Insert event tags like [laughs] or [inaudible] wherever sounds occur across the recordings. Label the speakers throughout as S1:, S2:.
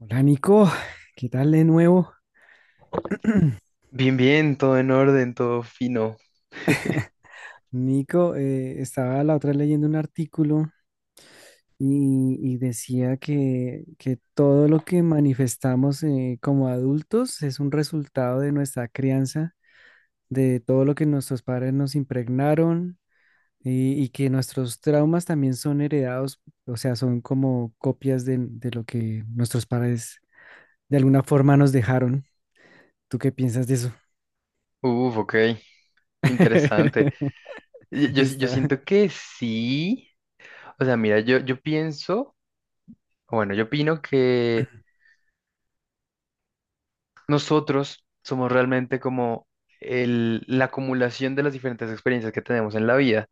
S1: Hola Nico, ¿qué tal de nuevo? [clears throat]
S2: Bien, bien, todo en orden, todo fino. [laughs]
S1: Nico, estaba la otra vez leyendo un artículo y decía que todo lo que manifestamos, como adultos, es un resultado de nuestra crianza, de todo lo que nuestros padres nos impregnaron, y que nuestros traumas también son heredados. O sea, son como copias de lo que nuestros padres de alguna forma nos dejaron. ¿Tú qué piensas de eso?
S2: Uf, ok, interesante.
S1: [laughs]
S2: Yo
S1: Está,
S2: siento que sí. O sea, mira, yo pienso, o bueno, yo opino que nosotros somos realmente como la acumulación de las diferentes experiencias que tenemos en la vida.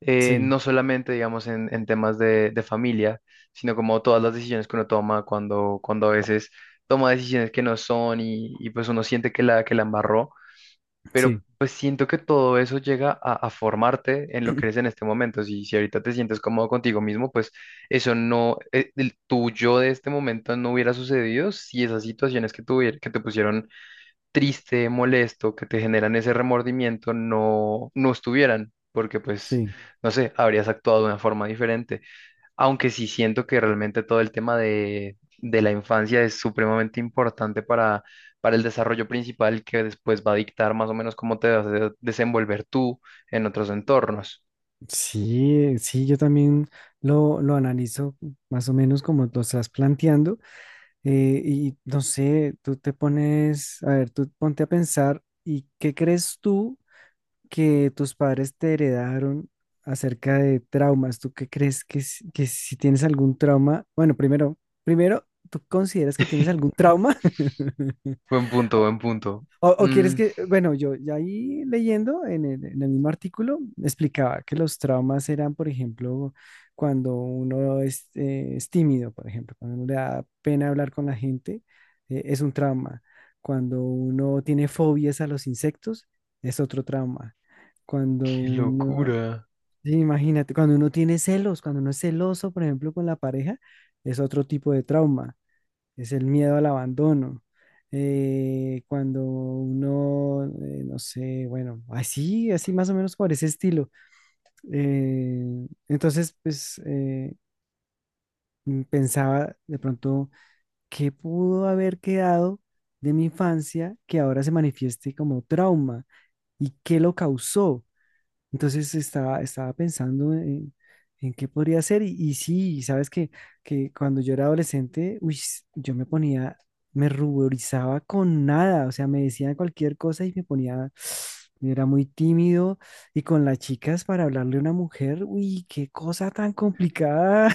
S1: sí,
S2: No solamente, digamos, en temas de familia, sino como todas las decisiones que uno toma cuando a veces toma decisiones que no son y pues uno siente que que la embarró. Pero
S1: sí.
S2: pues siento que todo eso llega a formarte en lo que eres en este momento. Si, si ahorita te sientes cómodo contigo mismo, pues eso no, el tuyo de este momento no hubiera sucedido si esas situaciones que, que te pusieron triste, molesto, que te generan ese remordimiento, no, no estuvieran. Porque pues,
S1: Sí.
S2: no sé, habrías actuado de una forma diferente. Aunque sí siento que realmente todo el tema de la infancia es supremamente importante para el desarrollo principal que después va a dictar más o menos cómo te vas a desenvolver tú en otros entornos.
S1: Sí, sí, yo también lo analizo más o menos como lo estás planteando. Y no sé, tú te pones, a ver, tú ponte a pensar, ¿y qué crees tú que tus padres te heredaron acerca de traumas? ¿Tú qué crees que si tienes algún trauma? Bueno, primero, ¿tú consideras que tienes algún
S2: [laughs]
S1: trauma? [laughs]
S2: Buen punto, buen punto.
S1: O quieres
S2: Mm,
S1: que, bueno, yo ya ahí leyendo en el mismo artículo explicaba que los traumas eran, por ejemplo, cuando uno es tímido; por ejemplo, cuando uno le da pena hablar con la gente, es un trauma. Cuando uno tiene fobias a los insectos, es otro trauma. Cuando
S2: qué
S1: uno,
S2: locura.
S1: sí, imagínate, cuando uno tiene celos, cuando uno es celoso, por ejemplo, con la pareja, es otro tipo de trauma: es el miedo al abandono. Cuando uno, no sé, bueno, así, así, más o menos por ese estilo. Entonces, pues pensaba de pronto, ¿qué pudo haber quedado de mi infancia que ahora se manifieste como trauma? ¿Y qué lo causó? Entonces estaba pensando en qué podría ser, y sí, sabes que cuando yo era adolescente, uy, yo me ponía, me ruborizaba con nada. O sea, me decían cualquier cosa y me ponía, [sniffs] era muy tímido, y con las chicas, para hablarle a una mujer, uy, qué cosa tan complicada,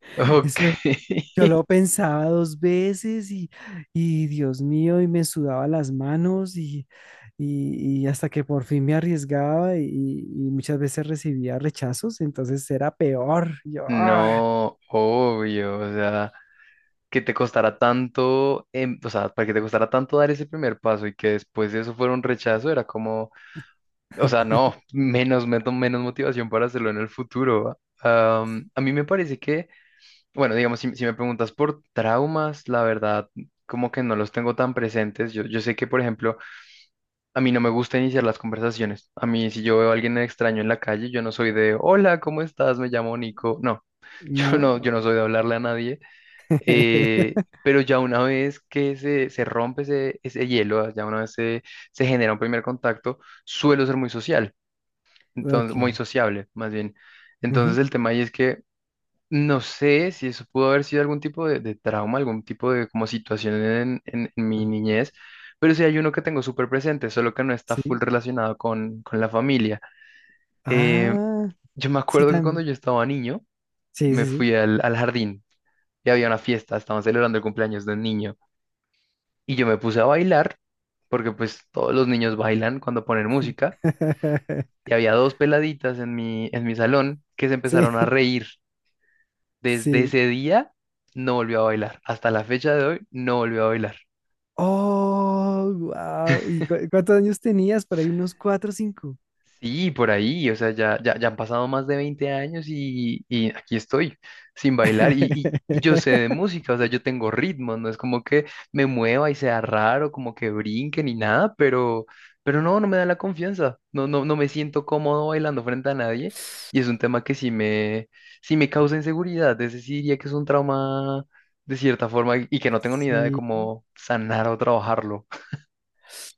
S1: [laughs]
S2: Ok.
S1: eso,
S2: [laughs]
S1: yo lo pensaba dos veces, y Dios mío, y me sudaba las manos, y hasta que por fin me arriesgaba, y muchas veces recibía rechazos, entonces era peor. Yo, ¡ah!
S2: No, obvio, o sea, que te costara tanto, o sea, para que te costara tanto dar ese primer paso y que después de eso fuera un rechazo, era como… O sea, no,
S1: [laughs]
S2: menos, menos, menos motivación para hacerlo en el futuro. ¿Va? A mí me parece que, bueno, digamos, si, si me preguntas por traumas, la verdad, como que no los tengo tan presentes. Yo sé que, por ejemplo, a mí no me gusta iniciar las conversaciones. A mí, si yo veo a alguien extraño en la calle, yo no soy de, hola, ¿cómo estás? Me llamo Nico. No, [laughs]
S1: No.
S2: yo no soy de hablarle a nadie.
S1: [laughs]
S2: Pero ya una vez que se rompe ese, ese hielo, ya una vez se, se genera un primer contacto, suelo ser muy social. Entonces,
S1: Ok.
S2: muy sociable, más bien. Entonces,
S1: Ujú.
S2: el tema ahí es que no sé si eso pudo haber sido algún tipo de trauma, algún tipo de como situación en, en mi niñez, pero sí hay uno que tengo súper presente, solo que no está
S1: Sí.
S2: full relacionado con la familia. Eh,
S1: Ah,
S2: yo me
S1: sí,
S2: acuerdo que cuando
S1: también.
S2: yo estaba niño,
S1: Sí,
S2: me
S1: sí, sí.
S2: fui al, al jardín y había una fiesta, estaban celebrando el cumpleaños de un niño y yo me puse a bailar, porque pues todos los niños bailan cuando ponen música.
S1: [laughs]
S2: Y había dos peladitas en mi salón que se empezaron a
S1: Sí,
S2: reír. Desde
S1: sí.
S2: ese día no volvió a bailar. Hasta la fecha de hoy no volvió a bailar.
S1: Oh, wow. ¿Y cuántos años tenías? Por ahí unos cuatro o cinco.
S2: Sí, por ahí, o sea, ya, ya, ya han pasado más de 20 años y aquí estoy sin bailar y y- yo sé de
S1: [laughs]
S2: música, o sea, yo tengo ritmo, no es como que me mueva y sea raro, como que brinque ni nada, pero no, no me da la confianza, no, no, no me siento cómodo bailando frente a nadie y es un tema que sí sí me causa inseguridad, es decir, diría que es un trauma de cierta forma y que no tengo ni idea de
S1: Sí.
S2: cómo sanar o trabajarlo.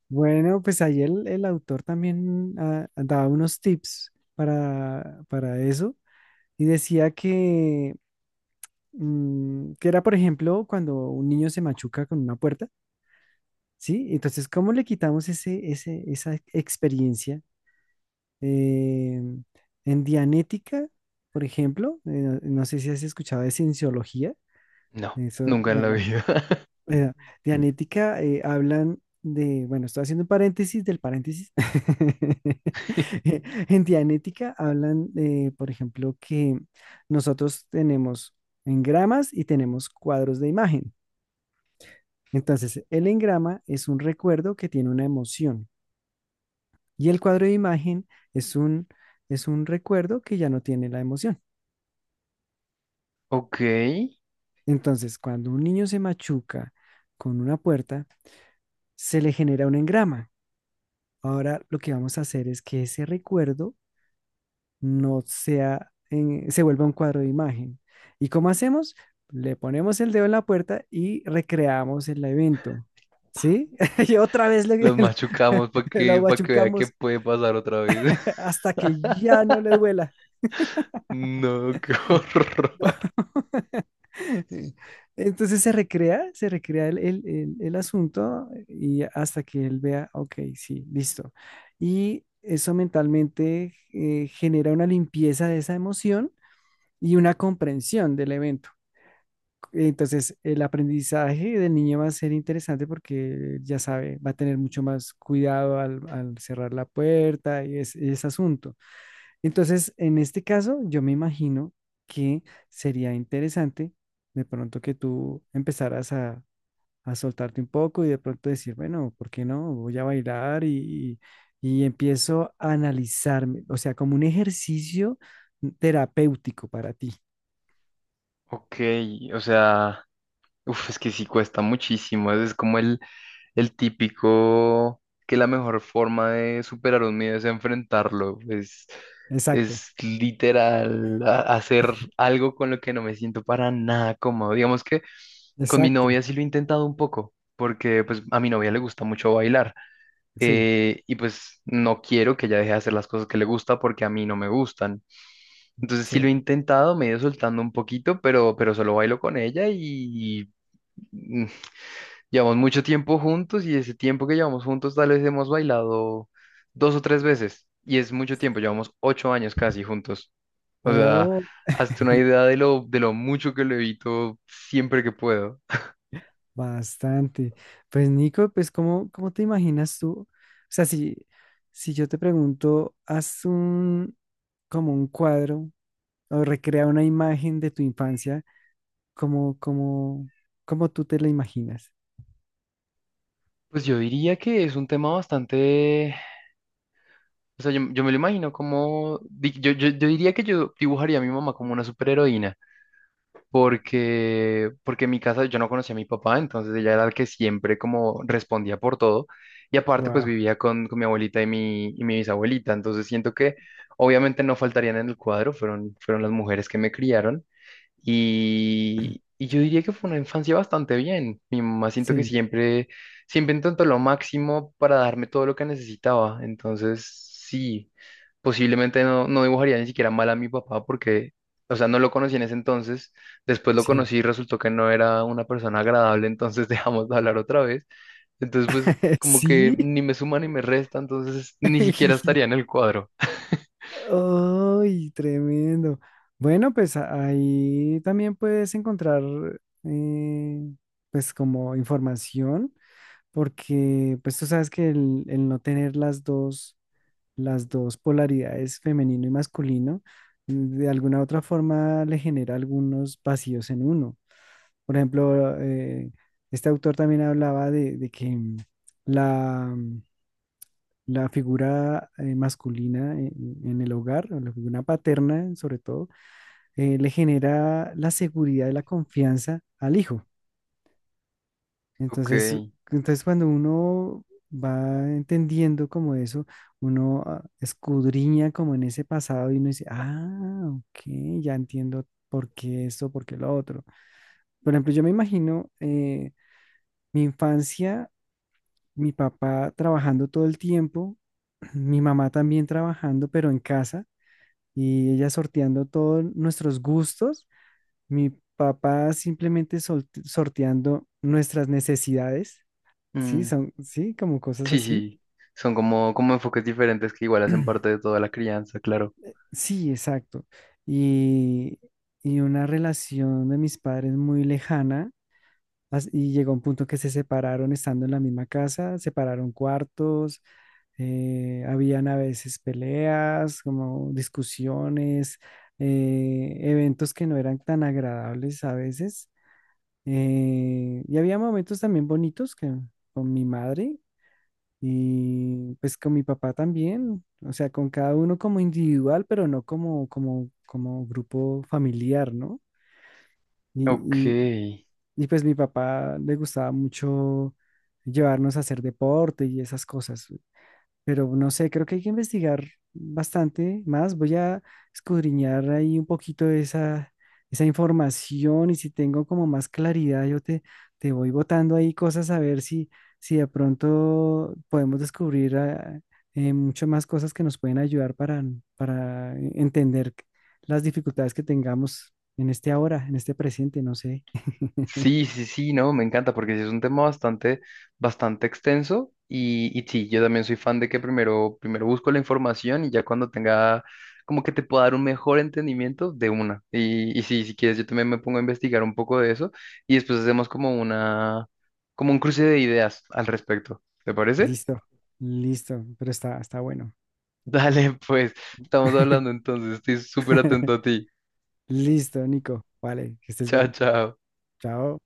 S1: Bueno, pues ahí el autor también, daba unos tips para eso y decía que era, por ejemplo, cuando un niño se machuca con una puerta, ¿sí? Entonces, ¿cómo le quitamos esa experiencia? Eh, en Dianética, por ejemplo, no sé si has escuchado de cienciología,
S2: No,
S1: eso,
S2: nunca en la vida.
S1: bueno, de anética, hablan bueno, estoy haciendo un paréntesis del paréntesis. [laughs]
S2: [laughs]
S1: Eh, En Dianética hablan, por ejemplo, que nosotros tenemos engramas y tenemos cuadros de imagen. Entonces, el engrama es un recuerdo que tiene una emoción, y el cuadro de imagen es un, es un recuerdo que ya no tiene la emoción.
S2: Ok.
S1: Entonces, cuando un niño se machuca con una puerta, se le genera un engrama. Ahora lo que vamos a hacer es que ese recuerdo no sea, se vuelva un cuadro de imagen. ¿Y cómo hacemos? Le ponemos el dedo en la puerta y recreamos el evento. ¿Sí? [laughs] Y otra vez le,
S2: Los machucamos
S1: [laughs] lo
S2: para que vea que
S1: machucamos
S2: puede pasar otra vez. [laughs]
S1: hasta que ya no le duela.
S2: No, qué horror.
S1: [laughs] Entonces se recrea el asunto, y hasta que él vea, ok, sí, listo. Y eso mentalmente, genera una limpieza de esa emoción y una comprensión del evento. Entonces, el aprendizaje del niño va a ser interesante, porque ya sabe, va a tener mucho más cuidado al cerrar la puerta y ese asunto. Entonces, en este caso, yo me imagino que sería interesante de pronto que tú empezaras a soltarte un poco y de pronto decir, bueno, ¿por qué no? Voy a bailar, y empiezo a analizarme, o sea, como un ejercicio terapéutico para ti.
S2: Ok, o sea, uf, es que sí cuesta muchísimo. Es como el típico que la mejor forma de superar un miedo es enfrentarlo.
S1: Exacto.
S2: Es literal hacer algo con lo que no me siento para nada cómodo. Digamos que con mi
S1: Exacto,
S2: novia sí lo he intentado un poco, porque pues a mi novia le gusta mucho bailar.
S1: sí,
S2: Eh, y pues no quiero que ella deje de hacer las cosas que le gusta porque a mí no me gustan. Entonces sí lo he
S1: chévere.
S2: intentado, me he ido soltando un poquito, pero solo bailo con ella y mm, [laughs] llevamos mucho tiempo juntos y ese tiempo que llevamos juntos tal vez hemos bailado dos o tres veces y es mucho tiempo, llevamos 8 años casi juntos. O sea,
S1: Oh,
S2: hazte una idea de lo mucho que lo evito siempre que puedo.
S1: bastante. Pues Nico, pues ¿cómo te imaginas tú? O sea, si yo te pregunto, como un cuadro o recrea una imagen de tu infancia, ¿cómo, cómo, cómo tú te la imaginas?
S2: Pues yo diría que es un tema bastante… O sea, yo me lo imagino como, yo, yo, yo diría que yo dibujaría a mi mamá como una superheroína, porque, porque en mi casa yo no conocía a mi papá, entonces ella era la que siempre como respondía por todo, y aparte pues
S1: Wow.
S2: vivía con mi abuelita y mi bisabuelita, entonces siento que obviamente no faltarían en el cuadro, fueron, fueron las mujeres que me criaron,
S1: [clears throat]
S2: y yo diría que fue una infancia bastante bien. Mi mamá siento que
S1: Sí,
S2: siempre, siempre intentó lo máximo para darme todo lo que necesitaba. Entonces, sí, posiblemente no, no dibujaría ni siquiera mal a mi papá porque, o sea, no lo conocí en ese entonces. Después lo
S1: sí.
S2: conocí y resultó que no era una persona agradable, entonces [laughs] dejamos de hablar otra vez. Entonces, pues,
S1: [laughs]
S2: como que
S1: Sí.
S2: ni me suma ni me resta, entonces ni siquiera estaría
S1: [laughs]
S2: en el cuadro.
S1: ¡Ay, tremendo! Bueno, pues ahí también puedes encontrar, eh, pues, como información, porque pues tú sabes que el no tener las dos, polaridades, femenino y masculino, de alguna u otra forma, le genera algunos vacíos en uno. Por ejemplo, este autor también hablaba de que la, la figura, masculina en el hogar, o la figura paterna sobre todo, le genera la seguridad y la confianza al hijo.
S2: Ok.
S1: Entonces, cuando uno va entendiendo como eso, uno, escudriña como en ese pasado y uno dice, ah, ok, ya entiendo por qué esto, por qué lo otro. Por ejemplo, yo me imagino, mi infancia, mi papá trabajando todo el tiempo, [clears throat] mi mamá también trabajando, pero en casa, y ella sorteando todos nuestros gustos, mi papá simplemente sorteando nuestras necesidades, sí,
S2: Mm.
S1: son, sí, como cosas
S2: Sí,
S1: así.
S2: sí, son como, como enfoques diferentes que igual hacen parte de toda la crianza, claro.
S1: Sí, exacto. Y, y una relación de mis padres muy lejana, y llegó un punto que se separaron estando en la misma casa, separaron cuartos, habían a veces peleas, como discusiones, eventos que no eran tan agradables a veces. Y había momentos también bonitos, que con mi madre, y pues con mi papá también, o sea, con cada uno como individual, pero no como, grupo familiar, ¿no?
S2: Ok.
S1: Y, y, y pues mi papá le gustaba mucho llevarnos a hacer deporte y esas cosas, pero no sé, creo que hay que investigar bastante más. Voy a escudriñar ahí un poquito de esa información, y si tengo como más claridad, yo te voy botando ahí cosas, a ver si de pronto podemos descubrir, mucho más cosas que nos pueden ayudar para entender las dificultades que tengamos en este ahora, en este presente, no sé. [laughs]
S2: Sí, sí, sí, no, me encanta porque sí es un tema bastante, bastante extenso y sí, yo también soy fan de que primero, primero busco la información y ya cuando tenga, como que te pueda dar un mejor entendimiento de una. Y sí, si quieres, yo también me pongo a investigar un poco de eso y después hacemos como una, como un cruce de ideas al respecto. ¿Te parece?
S1: Listo,
S2: [laughs]
S1: listo, pero está bueno.
S2: Dale, pues, estamos hablando
S1: [laughs]
S2: entonces, estoy súper atento a ti.
S1: Listo, Nico. Vale, que estés
S2: Chao,
S1: bien.
S2: chao.
S1: Chao.